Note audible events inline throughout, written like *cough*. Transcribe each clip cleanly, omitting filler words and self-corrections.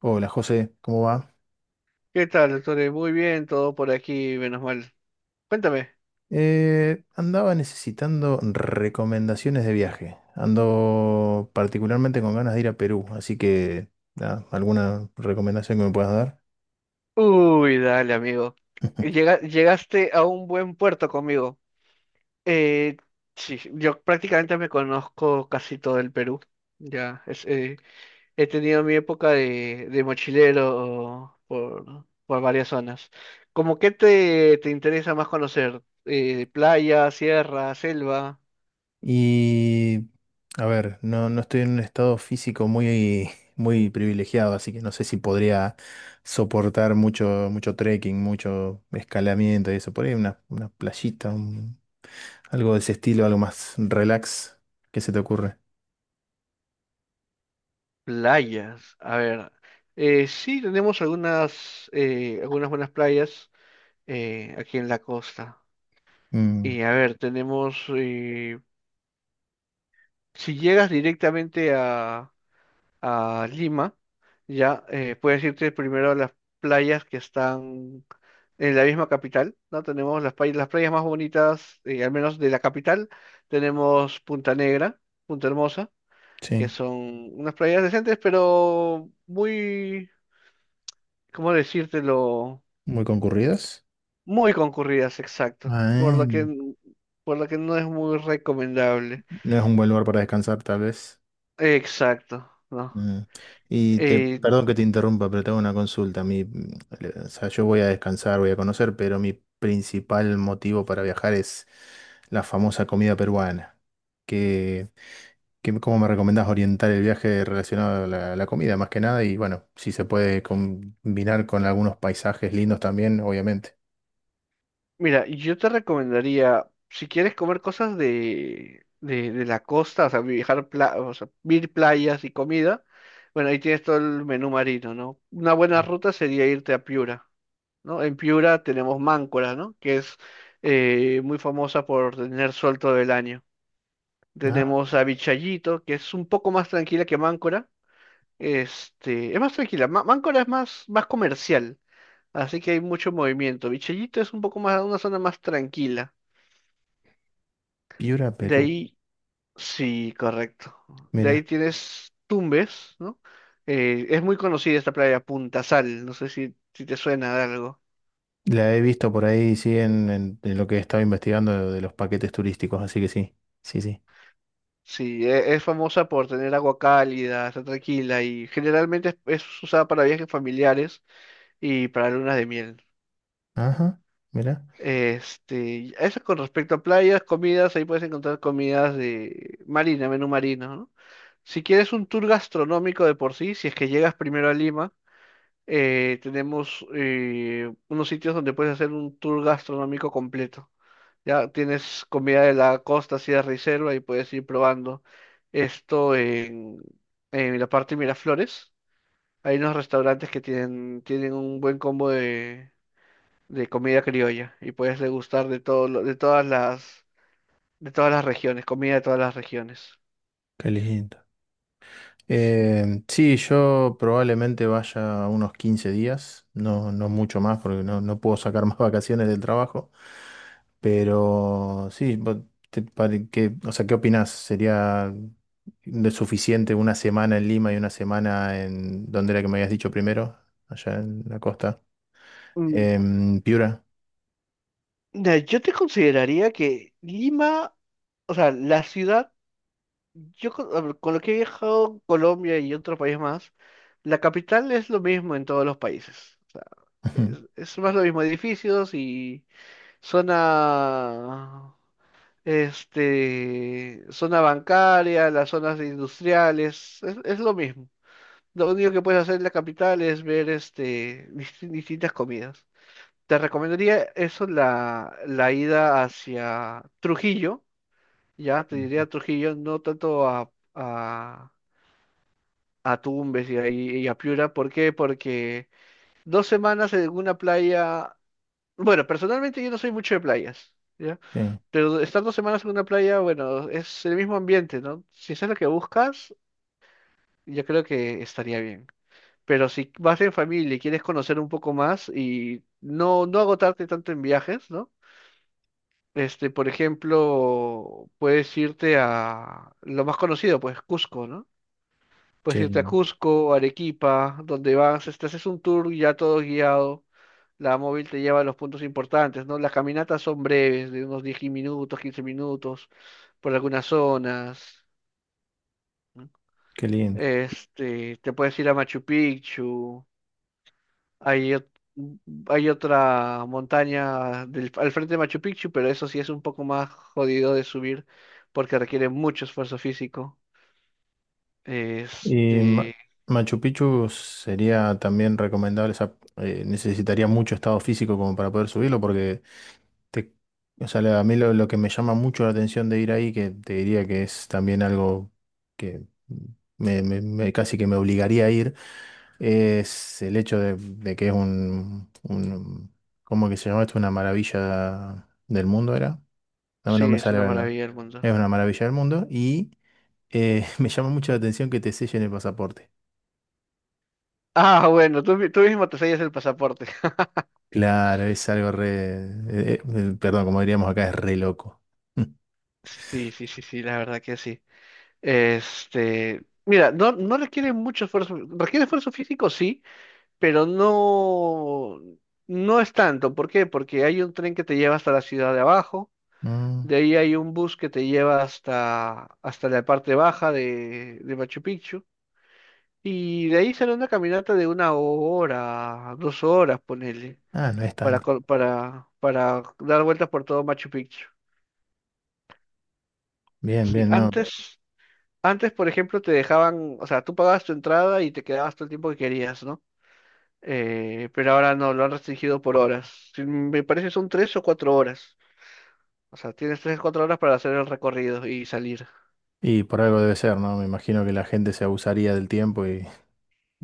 Hola José, ¿cómo va? ¿Qué tal, doctor? Muy bien, todo por aquí, menos mal. Cuéntame. Andaba necesitando recomendaciones de viaje. Ando particularmente con ganas de ir a Perú, así que nada, alguna recomendación que me puedas dar. Uy, dale, amigo. Llegaste a un buen puerto conmigo. Eh, sí, yo prácticamente me conozco casi todo el Perú. Ya, he tenido mi época de mochilero por varias zonas. ¿Cómo qué te interesa más conocer? Playa, sierra, selva, Y a ver, no estoy en un estado físico muy, *laughs* muy privilegiado, así que no sé si podría soportar mucho, mucho trekking, mucho escalamiento y eso. Por ahí una playita, algo de ese estilo, algo más relax. ¿Qué se te ocurre? playas. A ver, sí tenemos algunas, algunas buenas playas. Aquí en la costa. Mm, Y a ver, tenemos, si llegas directamente a Lima, ya puedes irte primero a las playas que están en la misma capital, ¿no? Tenemos las playas más bonitas, al menos de la capital, tenemos Punta Negra, Punta Hermosa, que sí. son unas playas decentes, pero muy, ¿cómo decírtelo? Muy concurridas. Muy concurridas, exacto, por Ah, lo que, no por lo que no es muy recomendable. es un buen lugar para descansar, tal vez. Exacto, ¿no? Mm. Y te, Eh, perdón que te interrumpa, pero tengo una consulta. Mi, o sea, yo voy a descansar, voy a conocer, pero mi principal motivo para viajar es la famosa comida peruana. ¿Qué ¿cómo me recomendás orientar el viaje relacionado a la, la comida, más que nada? Y bueno, si se puede combinar con algunos paisajes lindos también, obviamente. Mira, yo te recomendaría, si quieres comer cosas de la costa, o sea, viajar, o sea, ir playas y comida, bueno, ahí tienes todo el menú marino, ¿no? Una buena ruta sería irte a Piura, ¿no? En Piura tenemos Máncora, ¿no? Que es muy famosa por tener sol todo el año. Ah, Tenemos a Vichayito, que es un poco más tranquila que Máncora. Este, es más tranquila. Máncora es más, más comercial. Así que hay mucho movimiento. Vichellito es un poco más, una zona más tranquila. Piura, De Perú. ahí, sí, correcto. De ahí Mira. tienes Tumbes, ¿no? Es muy conocida esta playa, Punta Sal. No sé si, si te suena de algo. La he visto por ahí, sí, en, en lo que estaba investigando de los paquetes turísticos, así que sí, sí, sí. Sí, es famosa por tener agua cálida, está tranquila y generalmente es usada para viajes familiares y para lunas de miel. Ajá, mira, Eso con respecto a playas. Comidas, ahí puedes encontrar comidas de marina, menú marino, ¿no? Si quieres un tour gastronómico de por sí, si es que llegas primero a Lima, tenemos unos sitios donde puedes hacer un tour gastronómico completo. Ya tienes comida de la costa, sierra y selva y puedes ir probando esto en la parte de Miraflores. Hay unos restaurantes que tienen un buen combo de comida criolla y puedes degustar de de todas las regiones, comida de todas las regiones. qué lindo. Sí. Sí, yo probablemente vaya unos 15 días, no mucho más, porque no puedo sacar más *laughs* vacaciones del trabajo. Pero sí, vos o sea, ¿qué opinás? ¿Sería de suficiente una semana en Lima y una semana en, ¿dónde era que me habías dicho primero? Allá en la costa. Mm, En Piura. ya, yo te consideraría que Lima, o sea, la ciudad, a ver, con lo que he viajado a Colombia y otros países más, la capital es lo mismo en todos los países. O sea, *laughs* es más lo mismo, edificios y zona, zona bancaria, las zonas industriales, es lo mismo. Lo único que puedes hacer en la capital es ver distintas comidas. Te recomendaría eso, la ida hacia Trujillo, ya te diría Trujillo, no tanto a, a Tumbes y a Piura. ¿Por qué? Porque 2 semanas en una playa, bueno, personalmente yo no soy mucho de playas, ¿ya? Sí, Pero estar 2 semanas en una playa, bueno, es el mismo ambiente, ¿no? Si eso es lo que buscas, yo creo que estaría bien. Pero si vas en familia y quieres conocer un poco más y no, no agotarte tanto en viajes, ¿no? Por ejemplo, puedes irte a lo más conocido, pues Cusco, ¿no? Puedes irte a sí, Cusco, Arequipa, donde vas, haces un tour ya todo guiado, la móvil te lleva a los puntos importantes, ¿no? Las caminatas son breves, de unos 10 minutos, 15 minutos, por algunas zonas. ¿No? qué linda. Te puedes ir a Machu Picchu. Hay, ot- hay otra montaña al frente de Machu Picchu, pero eso sí es un poco más jodido de subir porque requiere mucho esfuerzo físico. Y Ma- Este, Machu Picchu sería también recomendable, o sea, necesitaría mucho estado físico como para poder subirlo, porque te- o sea, a mí lo que me llama mucho la atención de ir ahí, que te diría que es también algo que me, casi que me obligaría a ir, es el hecho de que es un, ¿cómo que se llama esto? Una maravilla del mundo, ¿era? No, sí, no me es una sale maravilla el mundo. Es una maravilla del mundo y... *laughs* me llama mucho la atención que te sellen el pasaporte. Ah, bueno, tú mismo te sellas el pasaporte. *laughs* Claro, es algo re... perdón, como diríamos acá, es re loco. *laughs* Sí, sí, sí, sí, la verdad que sí. Mira, no, no requiere mucho esfuerzo, requiere esfuerzo físico, sí, pero no, no es tanto. ¿Por qué? Porque hay un tren que te lleva hasta la ciudad de abajo. Mm. De ahí hay un bus que te lleva hasta la parte baja de Machu Picchu. Y de ahí sale una caminata de 1 hora, 2 horas, ponele, Ah, no es para, tanto. co- para, para dar vueltas por todo Machu Picchu. Bien, Sí, bien, no. antes, por ejemplo, te dejaban, o sea, tú pagabas tu entrada y te quedabas todo el tiempo que querías, ¿no? Pero ahora no, lo han restringido por horas. Sí, me parece son 3 o 4 horas. O sea, tienes 3 o 4 horas para hacer el recorrido y salir. Y por algo debe ser, ¿no? Me imagino que la gente se abusaría del tiempo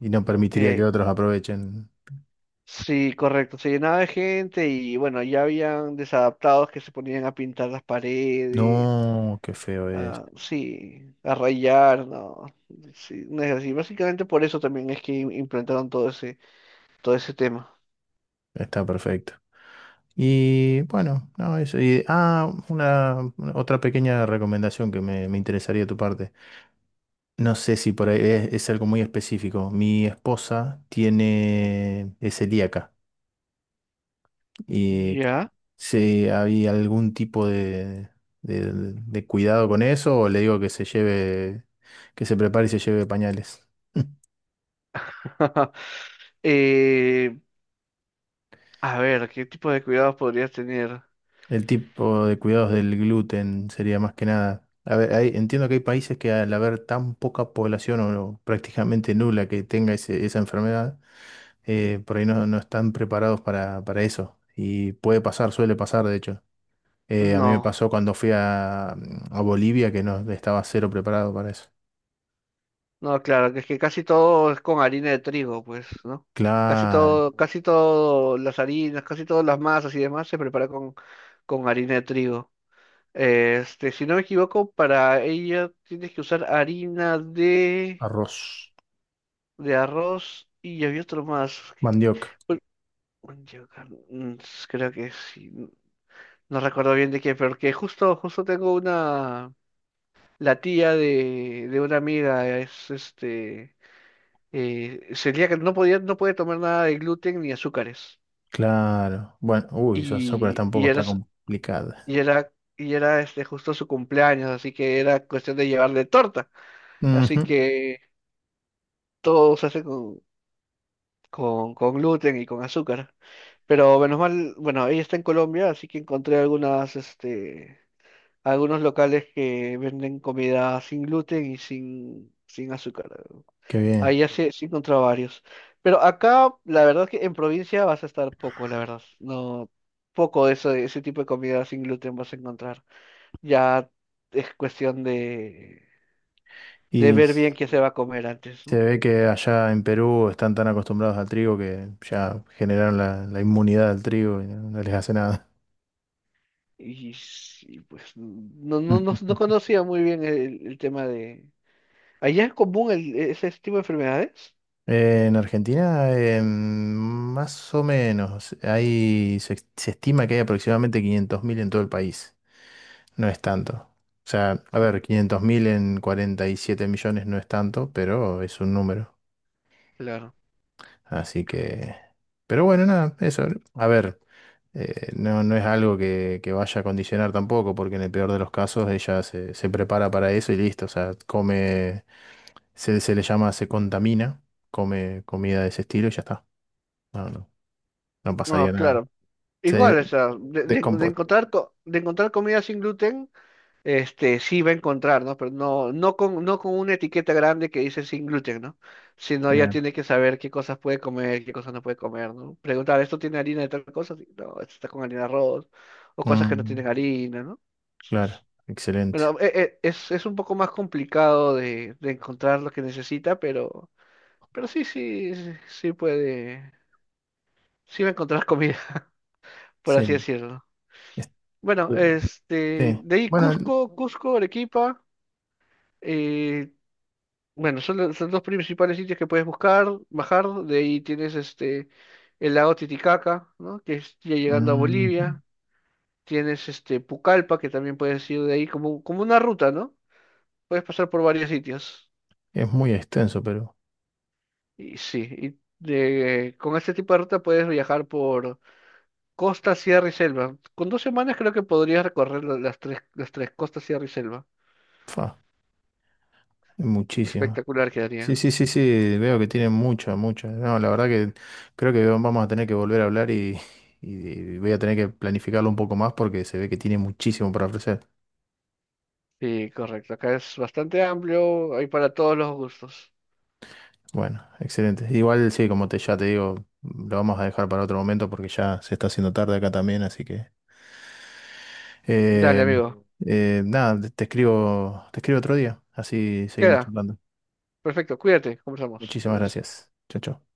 y no permitiría Eh, que otros aprovechen. Sí, correcto, se llenaba de gente y bueno, ya habían desadaptados que se ponían a pintar las paredes, No, qué feo es. a, sí, a rayar, no, sí, no es así. Básicamente por eso también es que implantaron todo ese tema. Está perfecto. Y bueno, no, eso. Y, ah, una, otra pequeña recomendación que me interesaría de tu parte. No sé si por ahí es algo muy específico. Mi esposa tiene, es celíaca y Ya. si había algún tipo de, de cuidado con eso o le digo que se lleve, que se prepare y se lleve pañales. *laughs* *laughs* Eh, a ver, ¿qué tipo de cuidados podrías tener? El tipo de cuidados del gluten sería más que nada. A ver, entiendo que hay países que al haber tan poca población o prácticamente nula que tenga esa enfermedad, por ahí no están preparados para eso. Y puede pasar, suele pasar, de hecho. A mí me No, pasó cuando fui a, a Bolivia que no estaba cero preparado para eso. no, claro, que es que casi todo es con harina de trigo, pues, ¿no? Casi Claro, todo, casi todo las harinas, casi todas las masas y demás se prepara con harina de trigo. Si no me equivoco, para ella tienes que usar harina de, arroz, de arroz y había otro más. mandioca, Uy, un yogur. Creo que sí. No recuerdo bien de qué, pero que justo tengo la tía de una amiga es celíaca, no podía, no puede tomar nada de gluten ni azúcares. claro. Bueno, uy, Sócrates Y tampoco era, está s- complicada. y era, y era este, justo su cumpleaños, así que era cuestión de llevarle torta. Así Ujú, que todo se hace con gluten y con azúcar. Pero menos mal, bueno, ella está en Colombia, así que encontré algunos locales que venden comida sin gluten y sin azúcar. qué Ahí bien. ya sí, sí encontré varios. Pero acá, la verdad que en provincia vas a estar poco, la verdad. No, poco de eso, de ese tipo de comida sin gluten vas a encontrar. Ya es cuestión de Y ver bien qué se va a comer antes, se ¿no? ve que allá en Perú están tan acostumbrados al trigo que ya generaron la, la inmunidad al trigo y no les hace nada. Y, sí, pues no, no, no, no *laughs* conocía muy bien el tema de. ¿Allá es común ese tipo de enfermedades? En Argentina, más o menos, hay, se estima que hay aproximadamente 500.000 en todo el país. No es tanto. O sea, a ver, Mm, 500.000 en 47 millones no es tanto, pero es un número. claro. Así que... Pero bueno, nada, eso. A ver. No, no es algo que vaya a condicionar tampoco, porque en el peor de los casos ella se, se prepara para eso y listo, o sea, come, se le llama, se contamina, come comida de ese estilo y ya está. No, no, no No, pasaría nada. claro. Se Igual, o sea, descompone. De encontrar comida sin gluten, este sí va a encontrar, ¿no? Pero no, no con, no con una etiqueta grande que dice sin gluten, ¿no? Sino ya Claro. tiene que saber qué cosas puede comer, qué cosas no puede comer, ¿no? Preguntar, ¿esto tiene harina de tal cosa? Sí. No, esto está con harina de arroz, o cosas que no Mm, tienen harina, ¿no? claro, excelente. Bueno, es un poco más complicado de encontrar lo que necesita, pero sí, sí, sí sí puede, sí va a encontrar comida, *laughs* por Sí, así decirlo. es- Bueno, sí. de ahí Bueno, Cusco, Cusco, Arequipa, eh, bueno, son los principales sitios que puedes buscar, bajar, de ahí tienes el lago Titicaca, ¿no? Que es ya llegando a mm, Bolivia, tienes Pucallpa, que también puedes ir de ahí como una ruta, ¿no? Puedes pasar por varios sitios. es muy extenso, pero Y sí, con este tipo de ruta puedes viajar por costa, sierra y selva. Con 2 semanas creo que podrías recorrer las tres costas, sierra y selva. fa, es muchísimo. Espectacular Sí, quedaría. sí, sí, sí, veo que tienen mucho, mucho. No, la verdad que creo que vamos a tener que volver a hablar y voy a tener que planificarlo un poco más porque se ve que tiene muchísimo para ofrecer. Sí, correcto. Acá es bastante amplio, hay para todos los gustos. Bueno, excelente. Igual sí, como te, ya te digo, lo vamos a dejar para otro momento porque ya se está haciendo tarde acá también, así que Dale, eh, amigo. Nada, te escribo, te escribo otro día, así seguimos Queda. charlando. Perfecto. Cuídate. Conversamos. Muchísimas Adiós. gracias. Chao, chao.